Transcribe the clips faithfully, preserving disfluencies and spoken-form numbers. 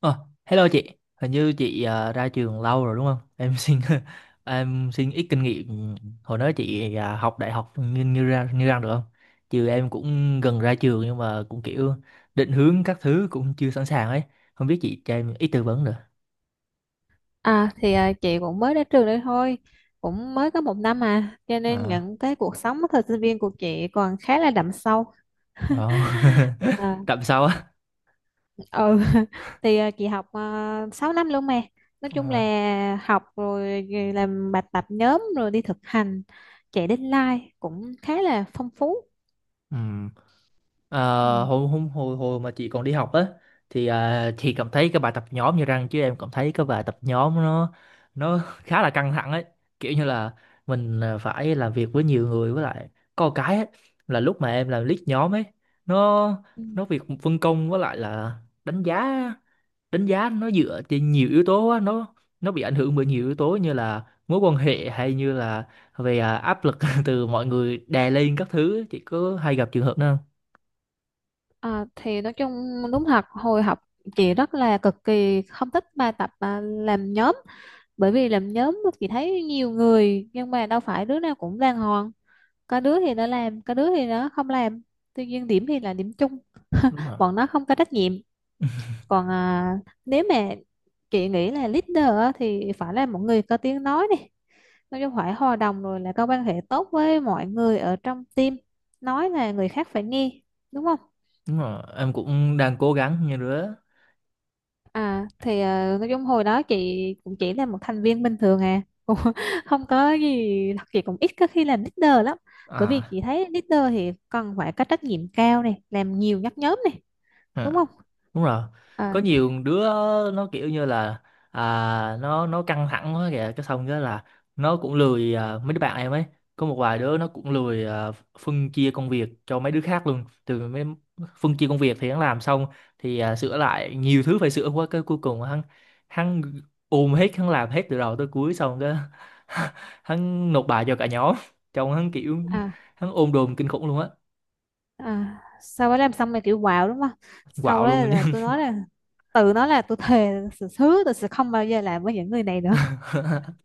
Ờ, Hello chị, hình như chị à, ra trường lâu rồi đúng không? Em xin em xin ít kinh nghiệm hồi đó chị à, học đại học như như ra như ra được không? Chứ em cũng gần ra trường nhưng mà cũng kiểu định hướng các thứ cũng chưa sẵn sàng ấy, không biết chị cho em ít tư vấn được. À thì à, chị cũng mới đến trường đây thôi, cũng mới có một năm, à cho nên À, những cái cuộc sống thời sinh viên của chị còn khá là đậm sâu. đó. à, Tạm sau á. ừ thì à, chị học uh, sáu năm luôn mà, nói chung À, là học rồi làm bài tập nhóm rồi đi thực hành, chạy deadline cũng khá là phong phú. ừ. Ờ, Ừ. hồi, hôm hồi hồi mà chị còn đi học á thì à, chị cảm thấy cái bài tập nhóm như răng chứ em cảm thấy cái bài tập nhóm nó nó khá là căng thẳng ấy, kiểu như là mình à, phải làm việc với nhiều người, với lại có một cái ấy, là lúc mà em làm lead nhóm ấy, nó Ừ. nó việc phân công với lại là đánh giá đánh giá nó dựa trên nhiều yếu tố á, nó nó bị ảnh hưởng bởi nhiều yếu tố như là mối quan hệ hay như là về à, áp lực từ mọi người đè lên các thứ, chị có hay gặp trường hợp đó không? À, thì Nói chung đúng thật hồi học chị rất là cực kỳ không thích bài tập à, làm nhóm, bởi vì làm nhóm chị thấy nhiều người nhưng mà đâu phải đứa nào cũng đàng hoàng, có đứa thì nó làm, có đứa thì nó không làm, tuy nhiên điểm thì là điểm chung. Đúng. Bọn nó không có trách nhiệm. Còn à, nếu mà Chị nghĩ là leader á, thì phải là một người có tiếng nói này, nói chung phải hòa đồng rồi là có quan hệ tốt với mọi người ở trong team, nói là người khác phải nghe, đúng không? Đúng rồi, em cũng đang cố gắng như đứa. À thì ờ, nói chung hồi đó chị cũng chỉ là một thành viên bình thường à, cũng không có gì, chị cũng ít có khi làm leader lắm, bởi vì À, chị thấy leader thì cần phải có trách nhiệm cao này, làm nhiều nhắc nhóm này, đúng à không? đúng rồi, có À, nhiều đứa nó kiểu như là à, nó nó căng thẳng quá kìa, cái xong cái là nó cũng lười, à, mấy đứa bạn em ấy, có một vài đứa nó cũng lười, à, phân chia công việc cho mấy đứa khác luôn, từ mấy phân chia công việc thì hắn làm xong thì à, sửa lại nhiều thứ phải sửa quá, cái cuối cùng hắn hắn ôm hết, hắn làm hết từ đầu tới cuối, xong cái hắn nộp bài cho cả nhóm, trông hắn kiểu à, hắn ôm đồm kinh khủng luôn á, à, sau đó làm xong rồi kiểu wow đúng không, sau quạo đó luôn nhưng là tôi mà nói là tự nó là tôi thề là sự hứa tôi sẽ không bao giờ làm với những người này nữa.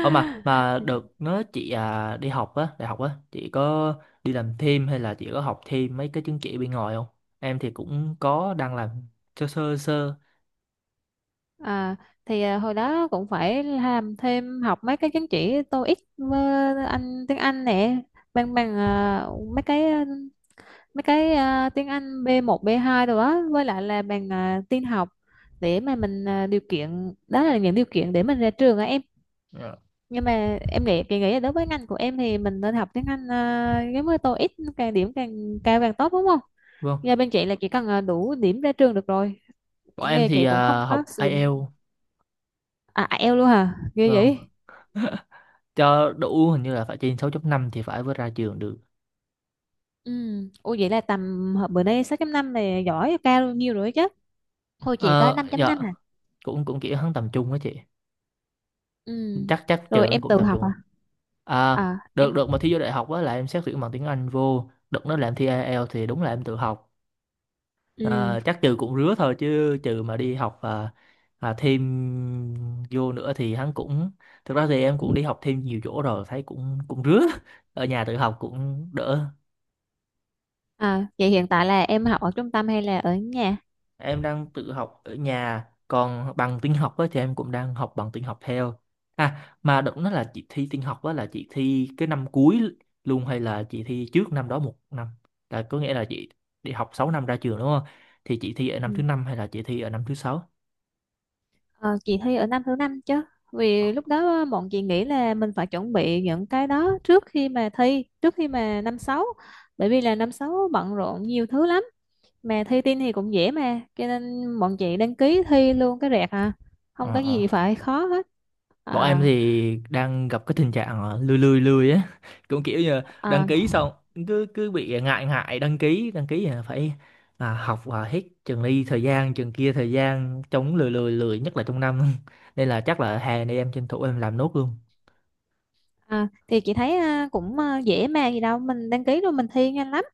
Ờ mà mà được, nói chị à, đi học á, đại học á, chị có đi làm thêm hay là chị có học thêm mấy cái chứng chỉ bên ngoài không? Em thì cũng có đang làm sơ sơ sơ. À, thì à, Hồi đó cũng phải làm thêm, học mấy cái chứng chỉ TOEIC với anh tiếng Anh nè, bằng bằng à, mấy cái à, mấy cái à, tiếng Anh b một b hai rồi đó, với lại là bằng à, tin học, để mà mình, à, điều kiện đó là những điều kiện để mình ra trường á em. Dạ. Nhưng mà em nghĩ, chị nghĩ là đối với ngành của em thì mình nên học tiếng Anh, à, giống như TOEIC, càng điểm càng cao càng tốt, đúng không? Vâng. Nhà bên chị là chỉ cần, à, đủ điểm ra trường được rồi, Bọn em nghe thì chị cũng không à, có học sử dụng. ai eo, À, ai eo luôn hả, ghê vâng. vậy. Cho đủ hình như là phải trên sáu chấm năm thì phải mới ra trường được. Ừ. Ủa vậy là tầm hồi bữa nay sáu chấm năm này giỏi, cao bao nhiêu rồi chứ? Thôi chị có Ờ dạ, năm chấm năm à? cũng cũng kiểu hắn tầm trung á chị. Ừ. Chắc chắc Rồi trường em cũng tự tầm học trung rồi. à? À, À, được em. đợt mà thi vô đại học á là em xét tuyển bằng tiếng Anh vô, đợt nó làm thi ai eo thì đúng là em tự học. Ừ. Ờ, chắc trừ cũng rứa thôi, chứ trừ mà đi học và và thêm vô nữa thì hắn cũng thực ra thì em cũng đi học thêm nhiều chỗ rồi, thấy cũng cũng rứa, ở nhà tự học cũng đỡ. À vậy hiện tại là em học ở trung tâm hay là ở nhà? Em đang tự học ở nhà, còn bằng tin học á thì em cũng đang học bằng tin học theo. À mà động nó là chị thi tin học á, là chị thi cái năm cuối luôn hay là chị thi trước năm đó một năm? Là có nghĩa là chị đi học sáu năm ra trường đúng không, thì chị thi ở năm Ừ. thứ năm hay là chị thi ở năm thứ sáu? Ờ, chị thi ở năm thứ năm chứ, Ờ vì lúc đó bọn chị nghĩ là mình phải chuẩn bị những cái đó trước khi mà thi, trước khi mà năm sáu, bởi vì là năm sáu bận rộn nhiều thứ lắm, mà thi tin thì cũng dễ mà, cho nên bọn chị đăng ký thi luôn cái rẹt à, không ờ có gì ờ. phải khó hết. Bọn em À, thì đang gặp cái tình trạng ờ, lười lười lười á, cũng kiểu như đăng à, ký xong cứ cứ bị ngại ngại đăng ký, đăng ký là phải à, học, à, hết trường này thời gian trường kia, thời gian chống lười lười lười nhất là trong năm, nên là chắc là hè này em tranh thủ em làm nốt luôn. à, thì chị thấy à, cũng à, dễ mà gì đâu, mình đăng ký rồi mình thi nhanh lắm.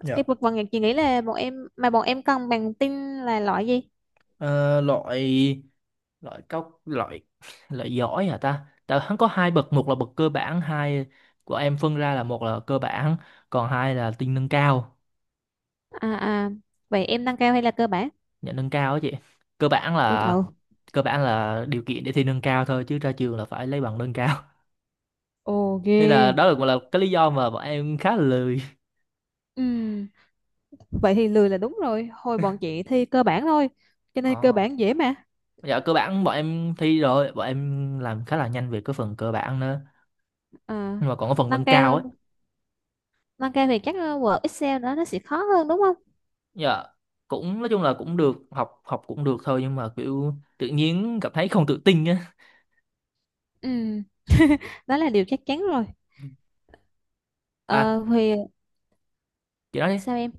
Dạ. Cái vực vần chị nghĩ là bọn em, mà bọn em cần bằng tin là loại gì? Ờ, loại loại cao, loại loại giỏi hả ta, tại hắn có hai bậc, một là bậc cơ bản, hai của em phân ra là một là cơ bản còn hai là tinh nâng cao. À, à vậy em nâng cao hay là cơ bản? Nhận nâng cao á chị, cơ bản Ui là trời. cơ bản là điều kiện để thi nâng cao thôi, chứ ra trường là phải lấy bằng nâng cao. Ồ Nên là ghê. đó là cũng là cái lý do mà bọn em khá là lười. Ừm, Vậy thì lười là đúng rồi. Hồi bọn chị thi cơ bản thôi. Cho nên cơ Ờ. bản dễ mà. Dạ cơ bản bọn em thi rồi, bọn em làm khá là nhanh về cái phần cơ bản nữa, À, nhưng mà còn cái phần nâng nâng cao cao ấy, nâng cao thì chắc ờ, Word Excel đó nó sẽ khó hơn đúng không? dạ cũng nói chung là cũng được, học học cũng được thôi, nhưng mà kiểu tự nhiên cảm thấy không tự tin á. Ừ, đó là điều chắc chắn rồi. À Ờ, thì chị nói đi. sao em?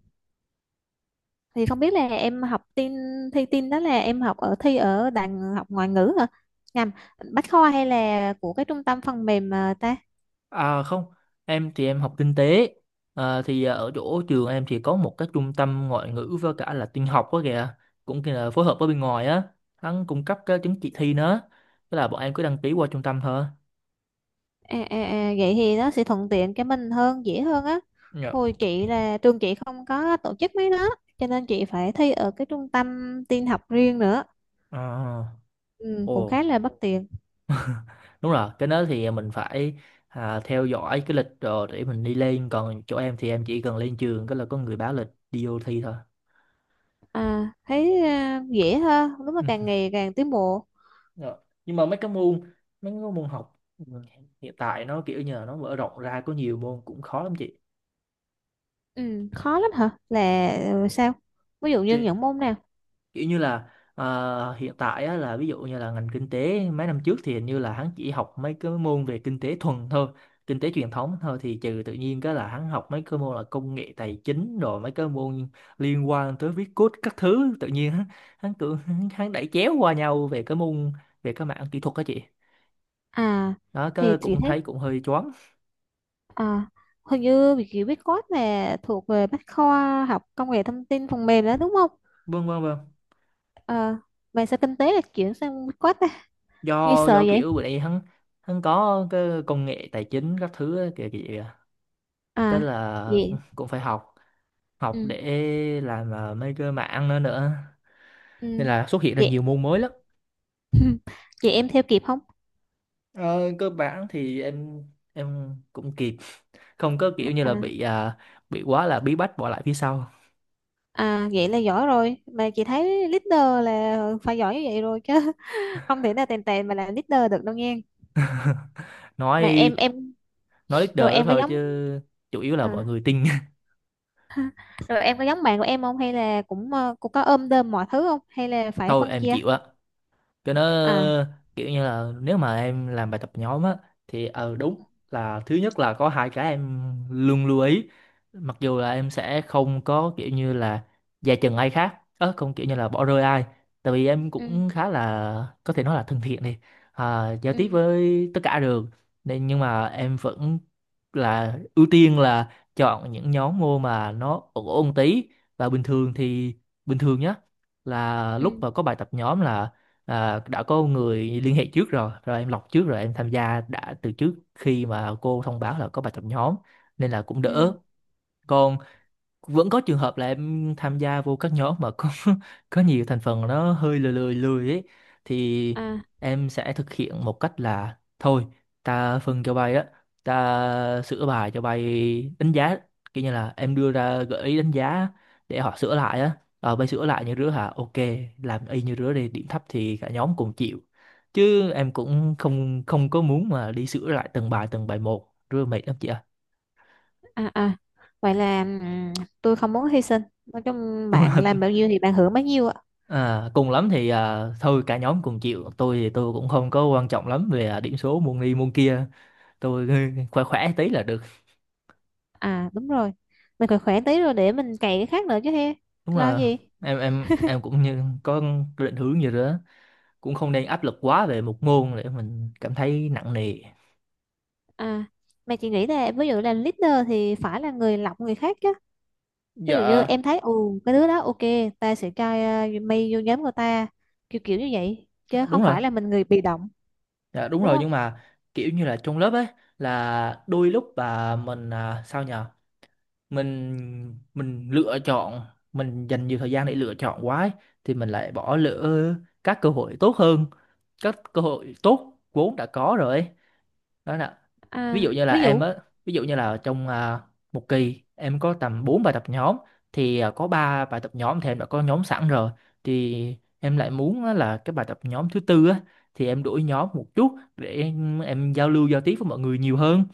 Thì không biết là em học tin, thi tin đó là em học ở, thi ở đàn học ngoại ngữ hả? Nhầm, Bách Khoa, hay là của cái trung tâm phần mềm ờ, ta? À không, em thì em học kinh tế. À, thì à, ở chỗ trường em thì có một cái trung tâm ngoại ngữ với cả là tin học đó kìa. Cũng kia là phối hợp với bên ngoài á. Hắn cung cấp cái chứng chỉ thi nữa. Tức là bọn em cứ đăng ký qua trung tâm thôi. À, à, à, vậy thì nó sẽ thuận tiện cho mình hơn, dễ hơn á. Dạ. Hồi chị là trường chị không có tổ chức mấy đó, cho nên chị phải thi ở cái trung tâm tin học riêng nữa, À, ừ, ồ, cũng khá là bất tiện. đúng rồi. Cái đó thì mình phải à, theo dõi cái lịch rồi để mình đi lên. Còn chỗ em thì em chỉ cần lên trường, cái là có người báo lịch đi vô thi thôi. À thấy, à, dễ hơn, đúng là Ừ. càng ngày càng tiến bộ. Rồi. Nhưng mà mấy cái môn mấy cái môn học, ừ, hiện tại nó kiểu như là nó mở rộng ra có nhiều môn cũng khó lắm chị. ừ, Khó lắm hả, là ừ, sao, ví dụ như Thì, những môn nào? kiểu như là ờ, hiện tại á, là ví dụ như là ngành kinh tế mấy năm trước thì hình như là hắn chỉ học mấy cái môn về kinh tế thuần thôi, kinh tế truyền thống thôi, thì trừ tự nhiên cái là hắn học mấy cái môn là công nghệ tài chính, rồi mấy cái môn liên quan tới viết code các thứ, tự nhiên hắn hắn cứ hắn hắn đẩy chéo qua nhau về cái môn, về cái mảng kỹ thuật đó chị. À Đó thì cái chị cũng thấy, thấy cũng hơi choáng. à, hình như việc chị biết code là thuộc về bách khoa học công nghệ thông tin phần mềm đó đúng không? Vâng vâng vâng À, mà sao kinh tế là chuyển sang viết code, nghe do sợ do vậy. kiểu bữa nay hắn hắn có cái công nghệ tài chính các thứ á, kìa kìa cái À là vậy. cũng phải học, học ừ, để làm ờ, mấy cái mảng nữa nữa nên ừ, là xuất hiện ra nhiều Vậy môn mới lắm. vậy em theo kịp không? Ờ, cơ bản thì em em cũng kịp, không có kiểu như là À, bị à, bị quá là bí bách bỏ lại phía sau. à vậy là giỏi rồi, mà chị thấy leader là phải giỏi như vậy rồi chứ không thể nào tèn tèn mà làm leader được đâu nghe. Mà nói em em nói rồi leader đó em có thôi chứ giống, chủ yếu là mọi à, người tin. rồi em có giống bạn của em không, hay là cũng ờ, cũng có ôm đơm mọi thứ không, hay là phải Thôi phân em chia? chịu á cho nó à kiểu như là, nếu mà em làm bài tập nhóm á thì ờ đúng là thứ nhất là có hai cái em luôn lưu ý, mặc dù là em sẽ không có kiểu như là dè chừng ai khác, ớ không kiểu như là bỏ rơi ai, tại vì em ừ cũng khá là có thể nói là thân thiện đi, à, giao ừ tiếp với tất cả được, nên nhưng mà em vẫn là ưu tiên là chọn những nhóm môn mà nó ổn ổn tí. Và bình thường thì bình thường nhá, là lúc ừ mà có bài tập nhóm là à, đã có người liên hệ trước rồi rồi em lọc trước, rồi em tham gia đã từ trước khi mà cô thông báo là có bài tập nhóm, nên là cũng ừ đỡ. Còn vẫn có trường hợp là em tham gia vô các nhóm mà có có nhiều thành phần nó hơi lười lười lười ấy, thì à em sẽ thực hiện một cách là thôi, ta phân cho bay đó, ta sửa bài cho bay, đánh giá kiểu như là em đưa ra gợi ý đánh giá để họ sửa lại á, ờ bay sửa lại như rứa hả, ok làm y như rứa đi, điểm thấp thì cả nhóm cùng chịu, chứ em cũng không không có muốn mà đi sửa lại từng bài từng bài một, rứa mệt lắm chị ạ. à à Vậy là ừm, tôi không muốn hy sinh, nói chung Đúng bạn là, làm bao nhiêu thì bạn hưởng bấy nhiêu ạ. À, cùng lắm thì à, thôi cả nhóm cùng chịu, tôi thì tôi cũng không có quan trọng lắm về à, điểm số môn này môn kia, tôi khỏe khỏe tí là được. À đúng rồi, mình khỏe khỏe tí rồi để mình cày cái khác nữa chứ he, Đúng lo là gì. em em em cũng như có định hướng như đó, cũng không nên áp lực quá về một môn để mình cảm thấy nặng nề. À mà chị nghĩ là ví dụ là leader thì phải là người lọc người khác chứ. Ví dụ như dạ em thấy ồ cái đứa đó ok, ta sẽ cho uh, mày vô nhóm của ta, kiểu kiểu như vậy, chứ đúng không rồi phải là mình người bị động, dạ đúng đúng rồi, không? nhưng mà kiểu như là trong lớp ấy, là đôi lúc mà mình à, sao nhờ, mình mình lựa chọn, mình dành nhiều thời gian để lựa chọn quá ấy, thì mình lại bỏ lỡ các cơ hội tốt hơn, các cơ hội tốt vốn đã có rồi ấy. Đó là ví À dụ như là ví em dụ. á, ví dụ như là trong à, một kỳ em có tầm bốn bài tập nhóm, thì à, có ba bài tập nhóm thì em đã có nhóm sẵn rồi, thì em lại muốn á là cái bài tập nhóm thứ tư á, thì em đổi nhóm một chút để em, em giao lưu giao tiếp với mọi người nhiều hơn,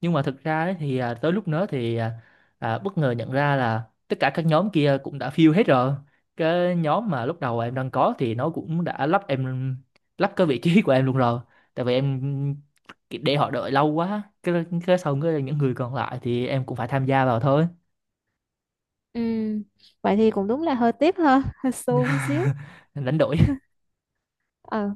nhưng mà thực ra ấy, thì à, tới lúc đó thì à, à, bất ngờ nhận ra là tất cả các nhóm kia cũng đã fill hết rồi, cái nhóm mà lúc đầu em đang có thì nó cũng đã lắp em lắp cái vị trí của em luôn rồi, tại vì em để họ đợi lâu quá, cái cái xong cái những người còn lại thì em cũng phải tham gia vào thôi. Ừm, vậy thì cũng đúng là hơi tiếc ha, hơi xô một xíu. Đánh đổi. Ờ.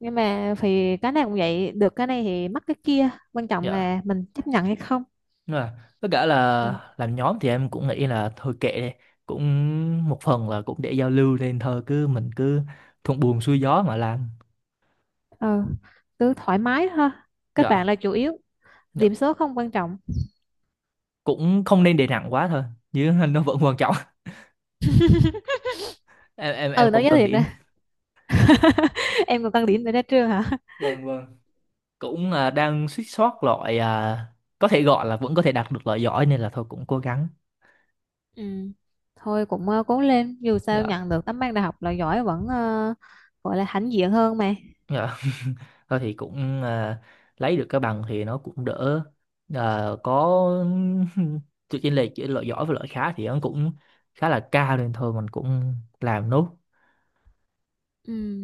Nhưng mà thì cái này cũng vậy, được cái này thì mất cái kia, quan trọng Dạ. là mình chấp nhận hay không. Nhưng mà tất cả Ừ. là làm nhóm thì em cũng nghĩ là thôi kệ đi, cũng một phần là cũng để giao lưu nên thôi cứ mình cứ thuận buồm xuôi gió mà làm. Ờ, cứ thoải mái thôi, các bạn Dạ. là chủ yếu, Dạ điểm số không quan trọng. cũng không nên để nặng quá thôi, chứ nó vẫn quan trọng, em em em Ừ, nói cũng giới cần thiệt nè, điểm. em còn tăng điểm để ra trường hả? Vâng vâng, cũng à, đang suýt soát loại à, có thể gọi là vẫn có thể đạt được loại giỏi nên là thôi cũng cố gắng. Ừ. Thôi cũng ờ, cố lên, dù sao Dạ. nhận được tấm bằng đại học là giỏi vẫn, ờ, gọi là hãnh diện hơn mà. Dạ thôi thì cũng à, lấy được cái bằng thì nó cũng đỡ. À, có sự chênh lệch giữa loại giỏi và loại khá thì nó cũng khá là cao nên thôi mình cũng làm nốt. Ừ.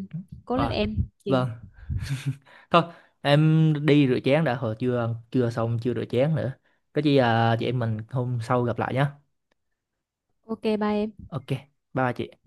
Cố lên À, em. Chị- vâng. Thôi em đi rửa chén đã, hồi chưa chưa xong chưa rửa chén nữa, có gì à, chị em mình hôm sau gặp lại nhé. ok bye em. Ok bye, bye chị.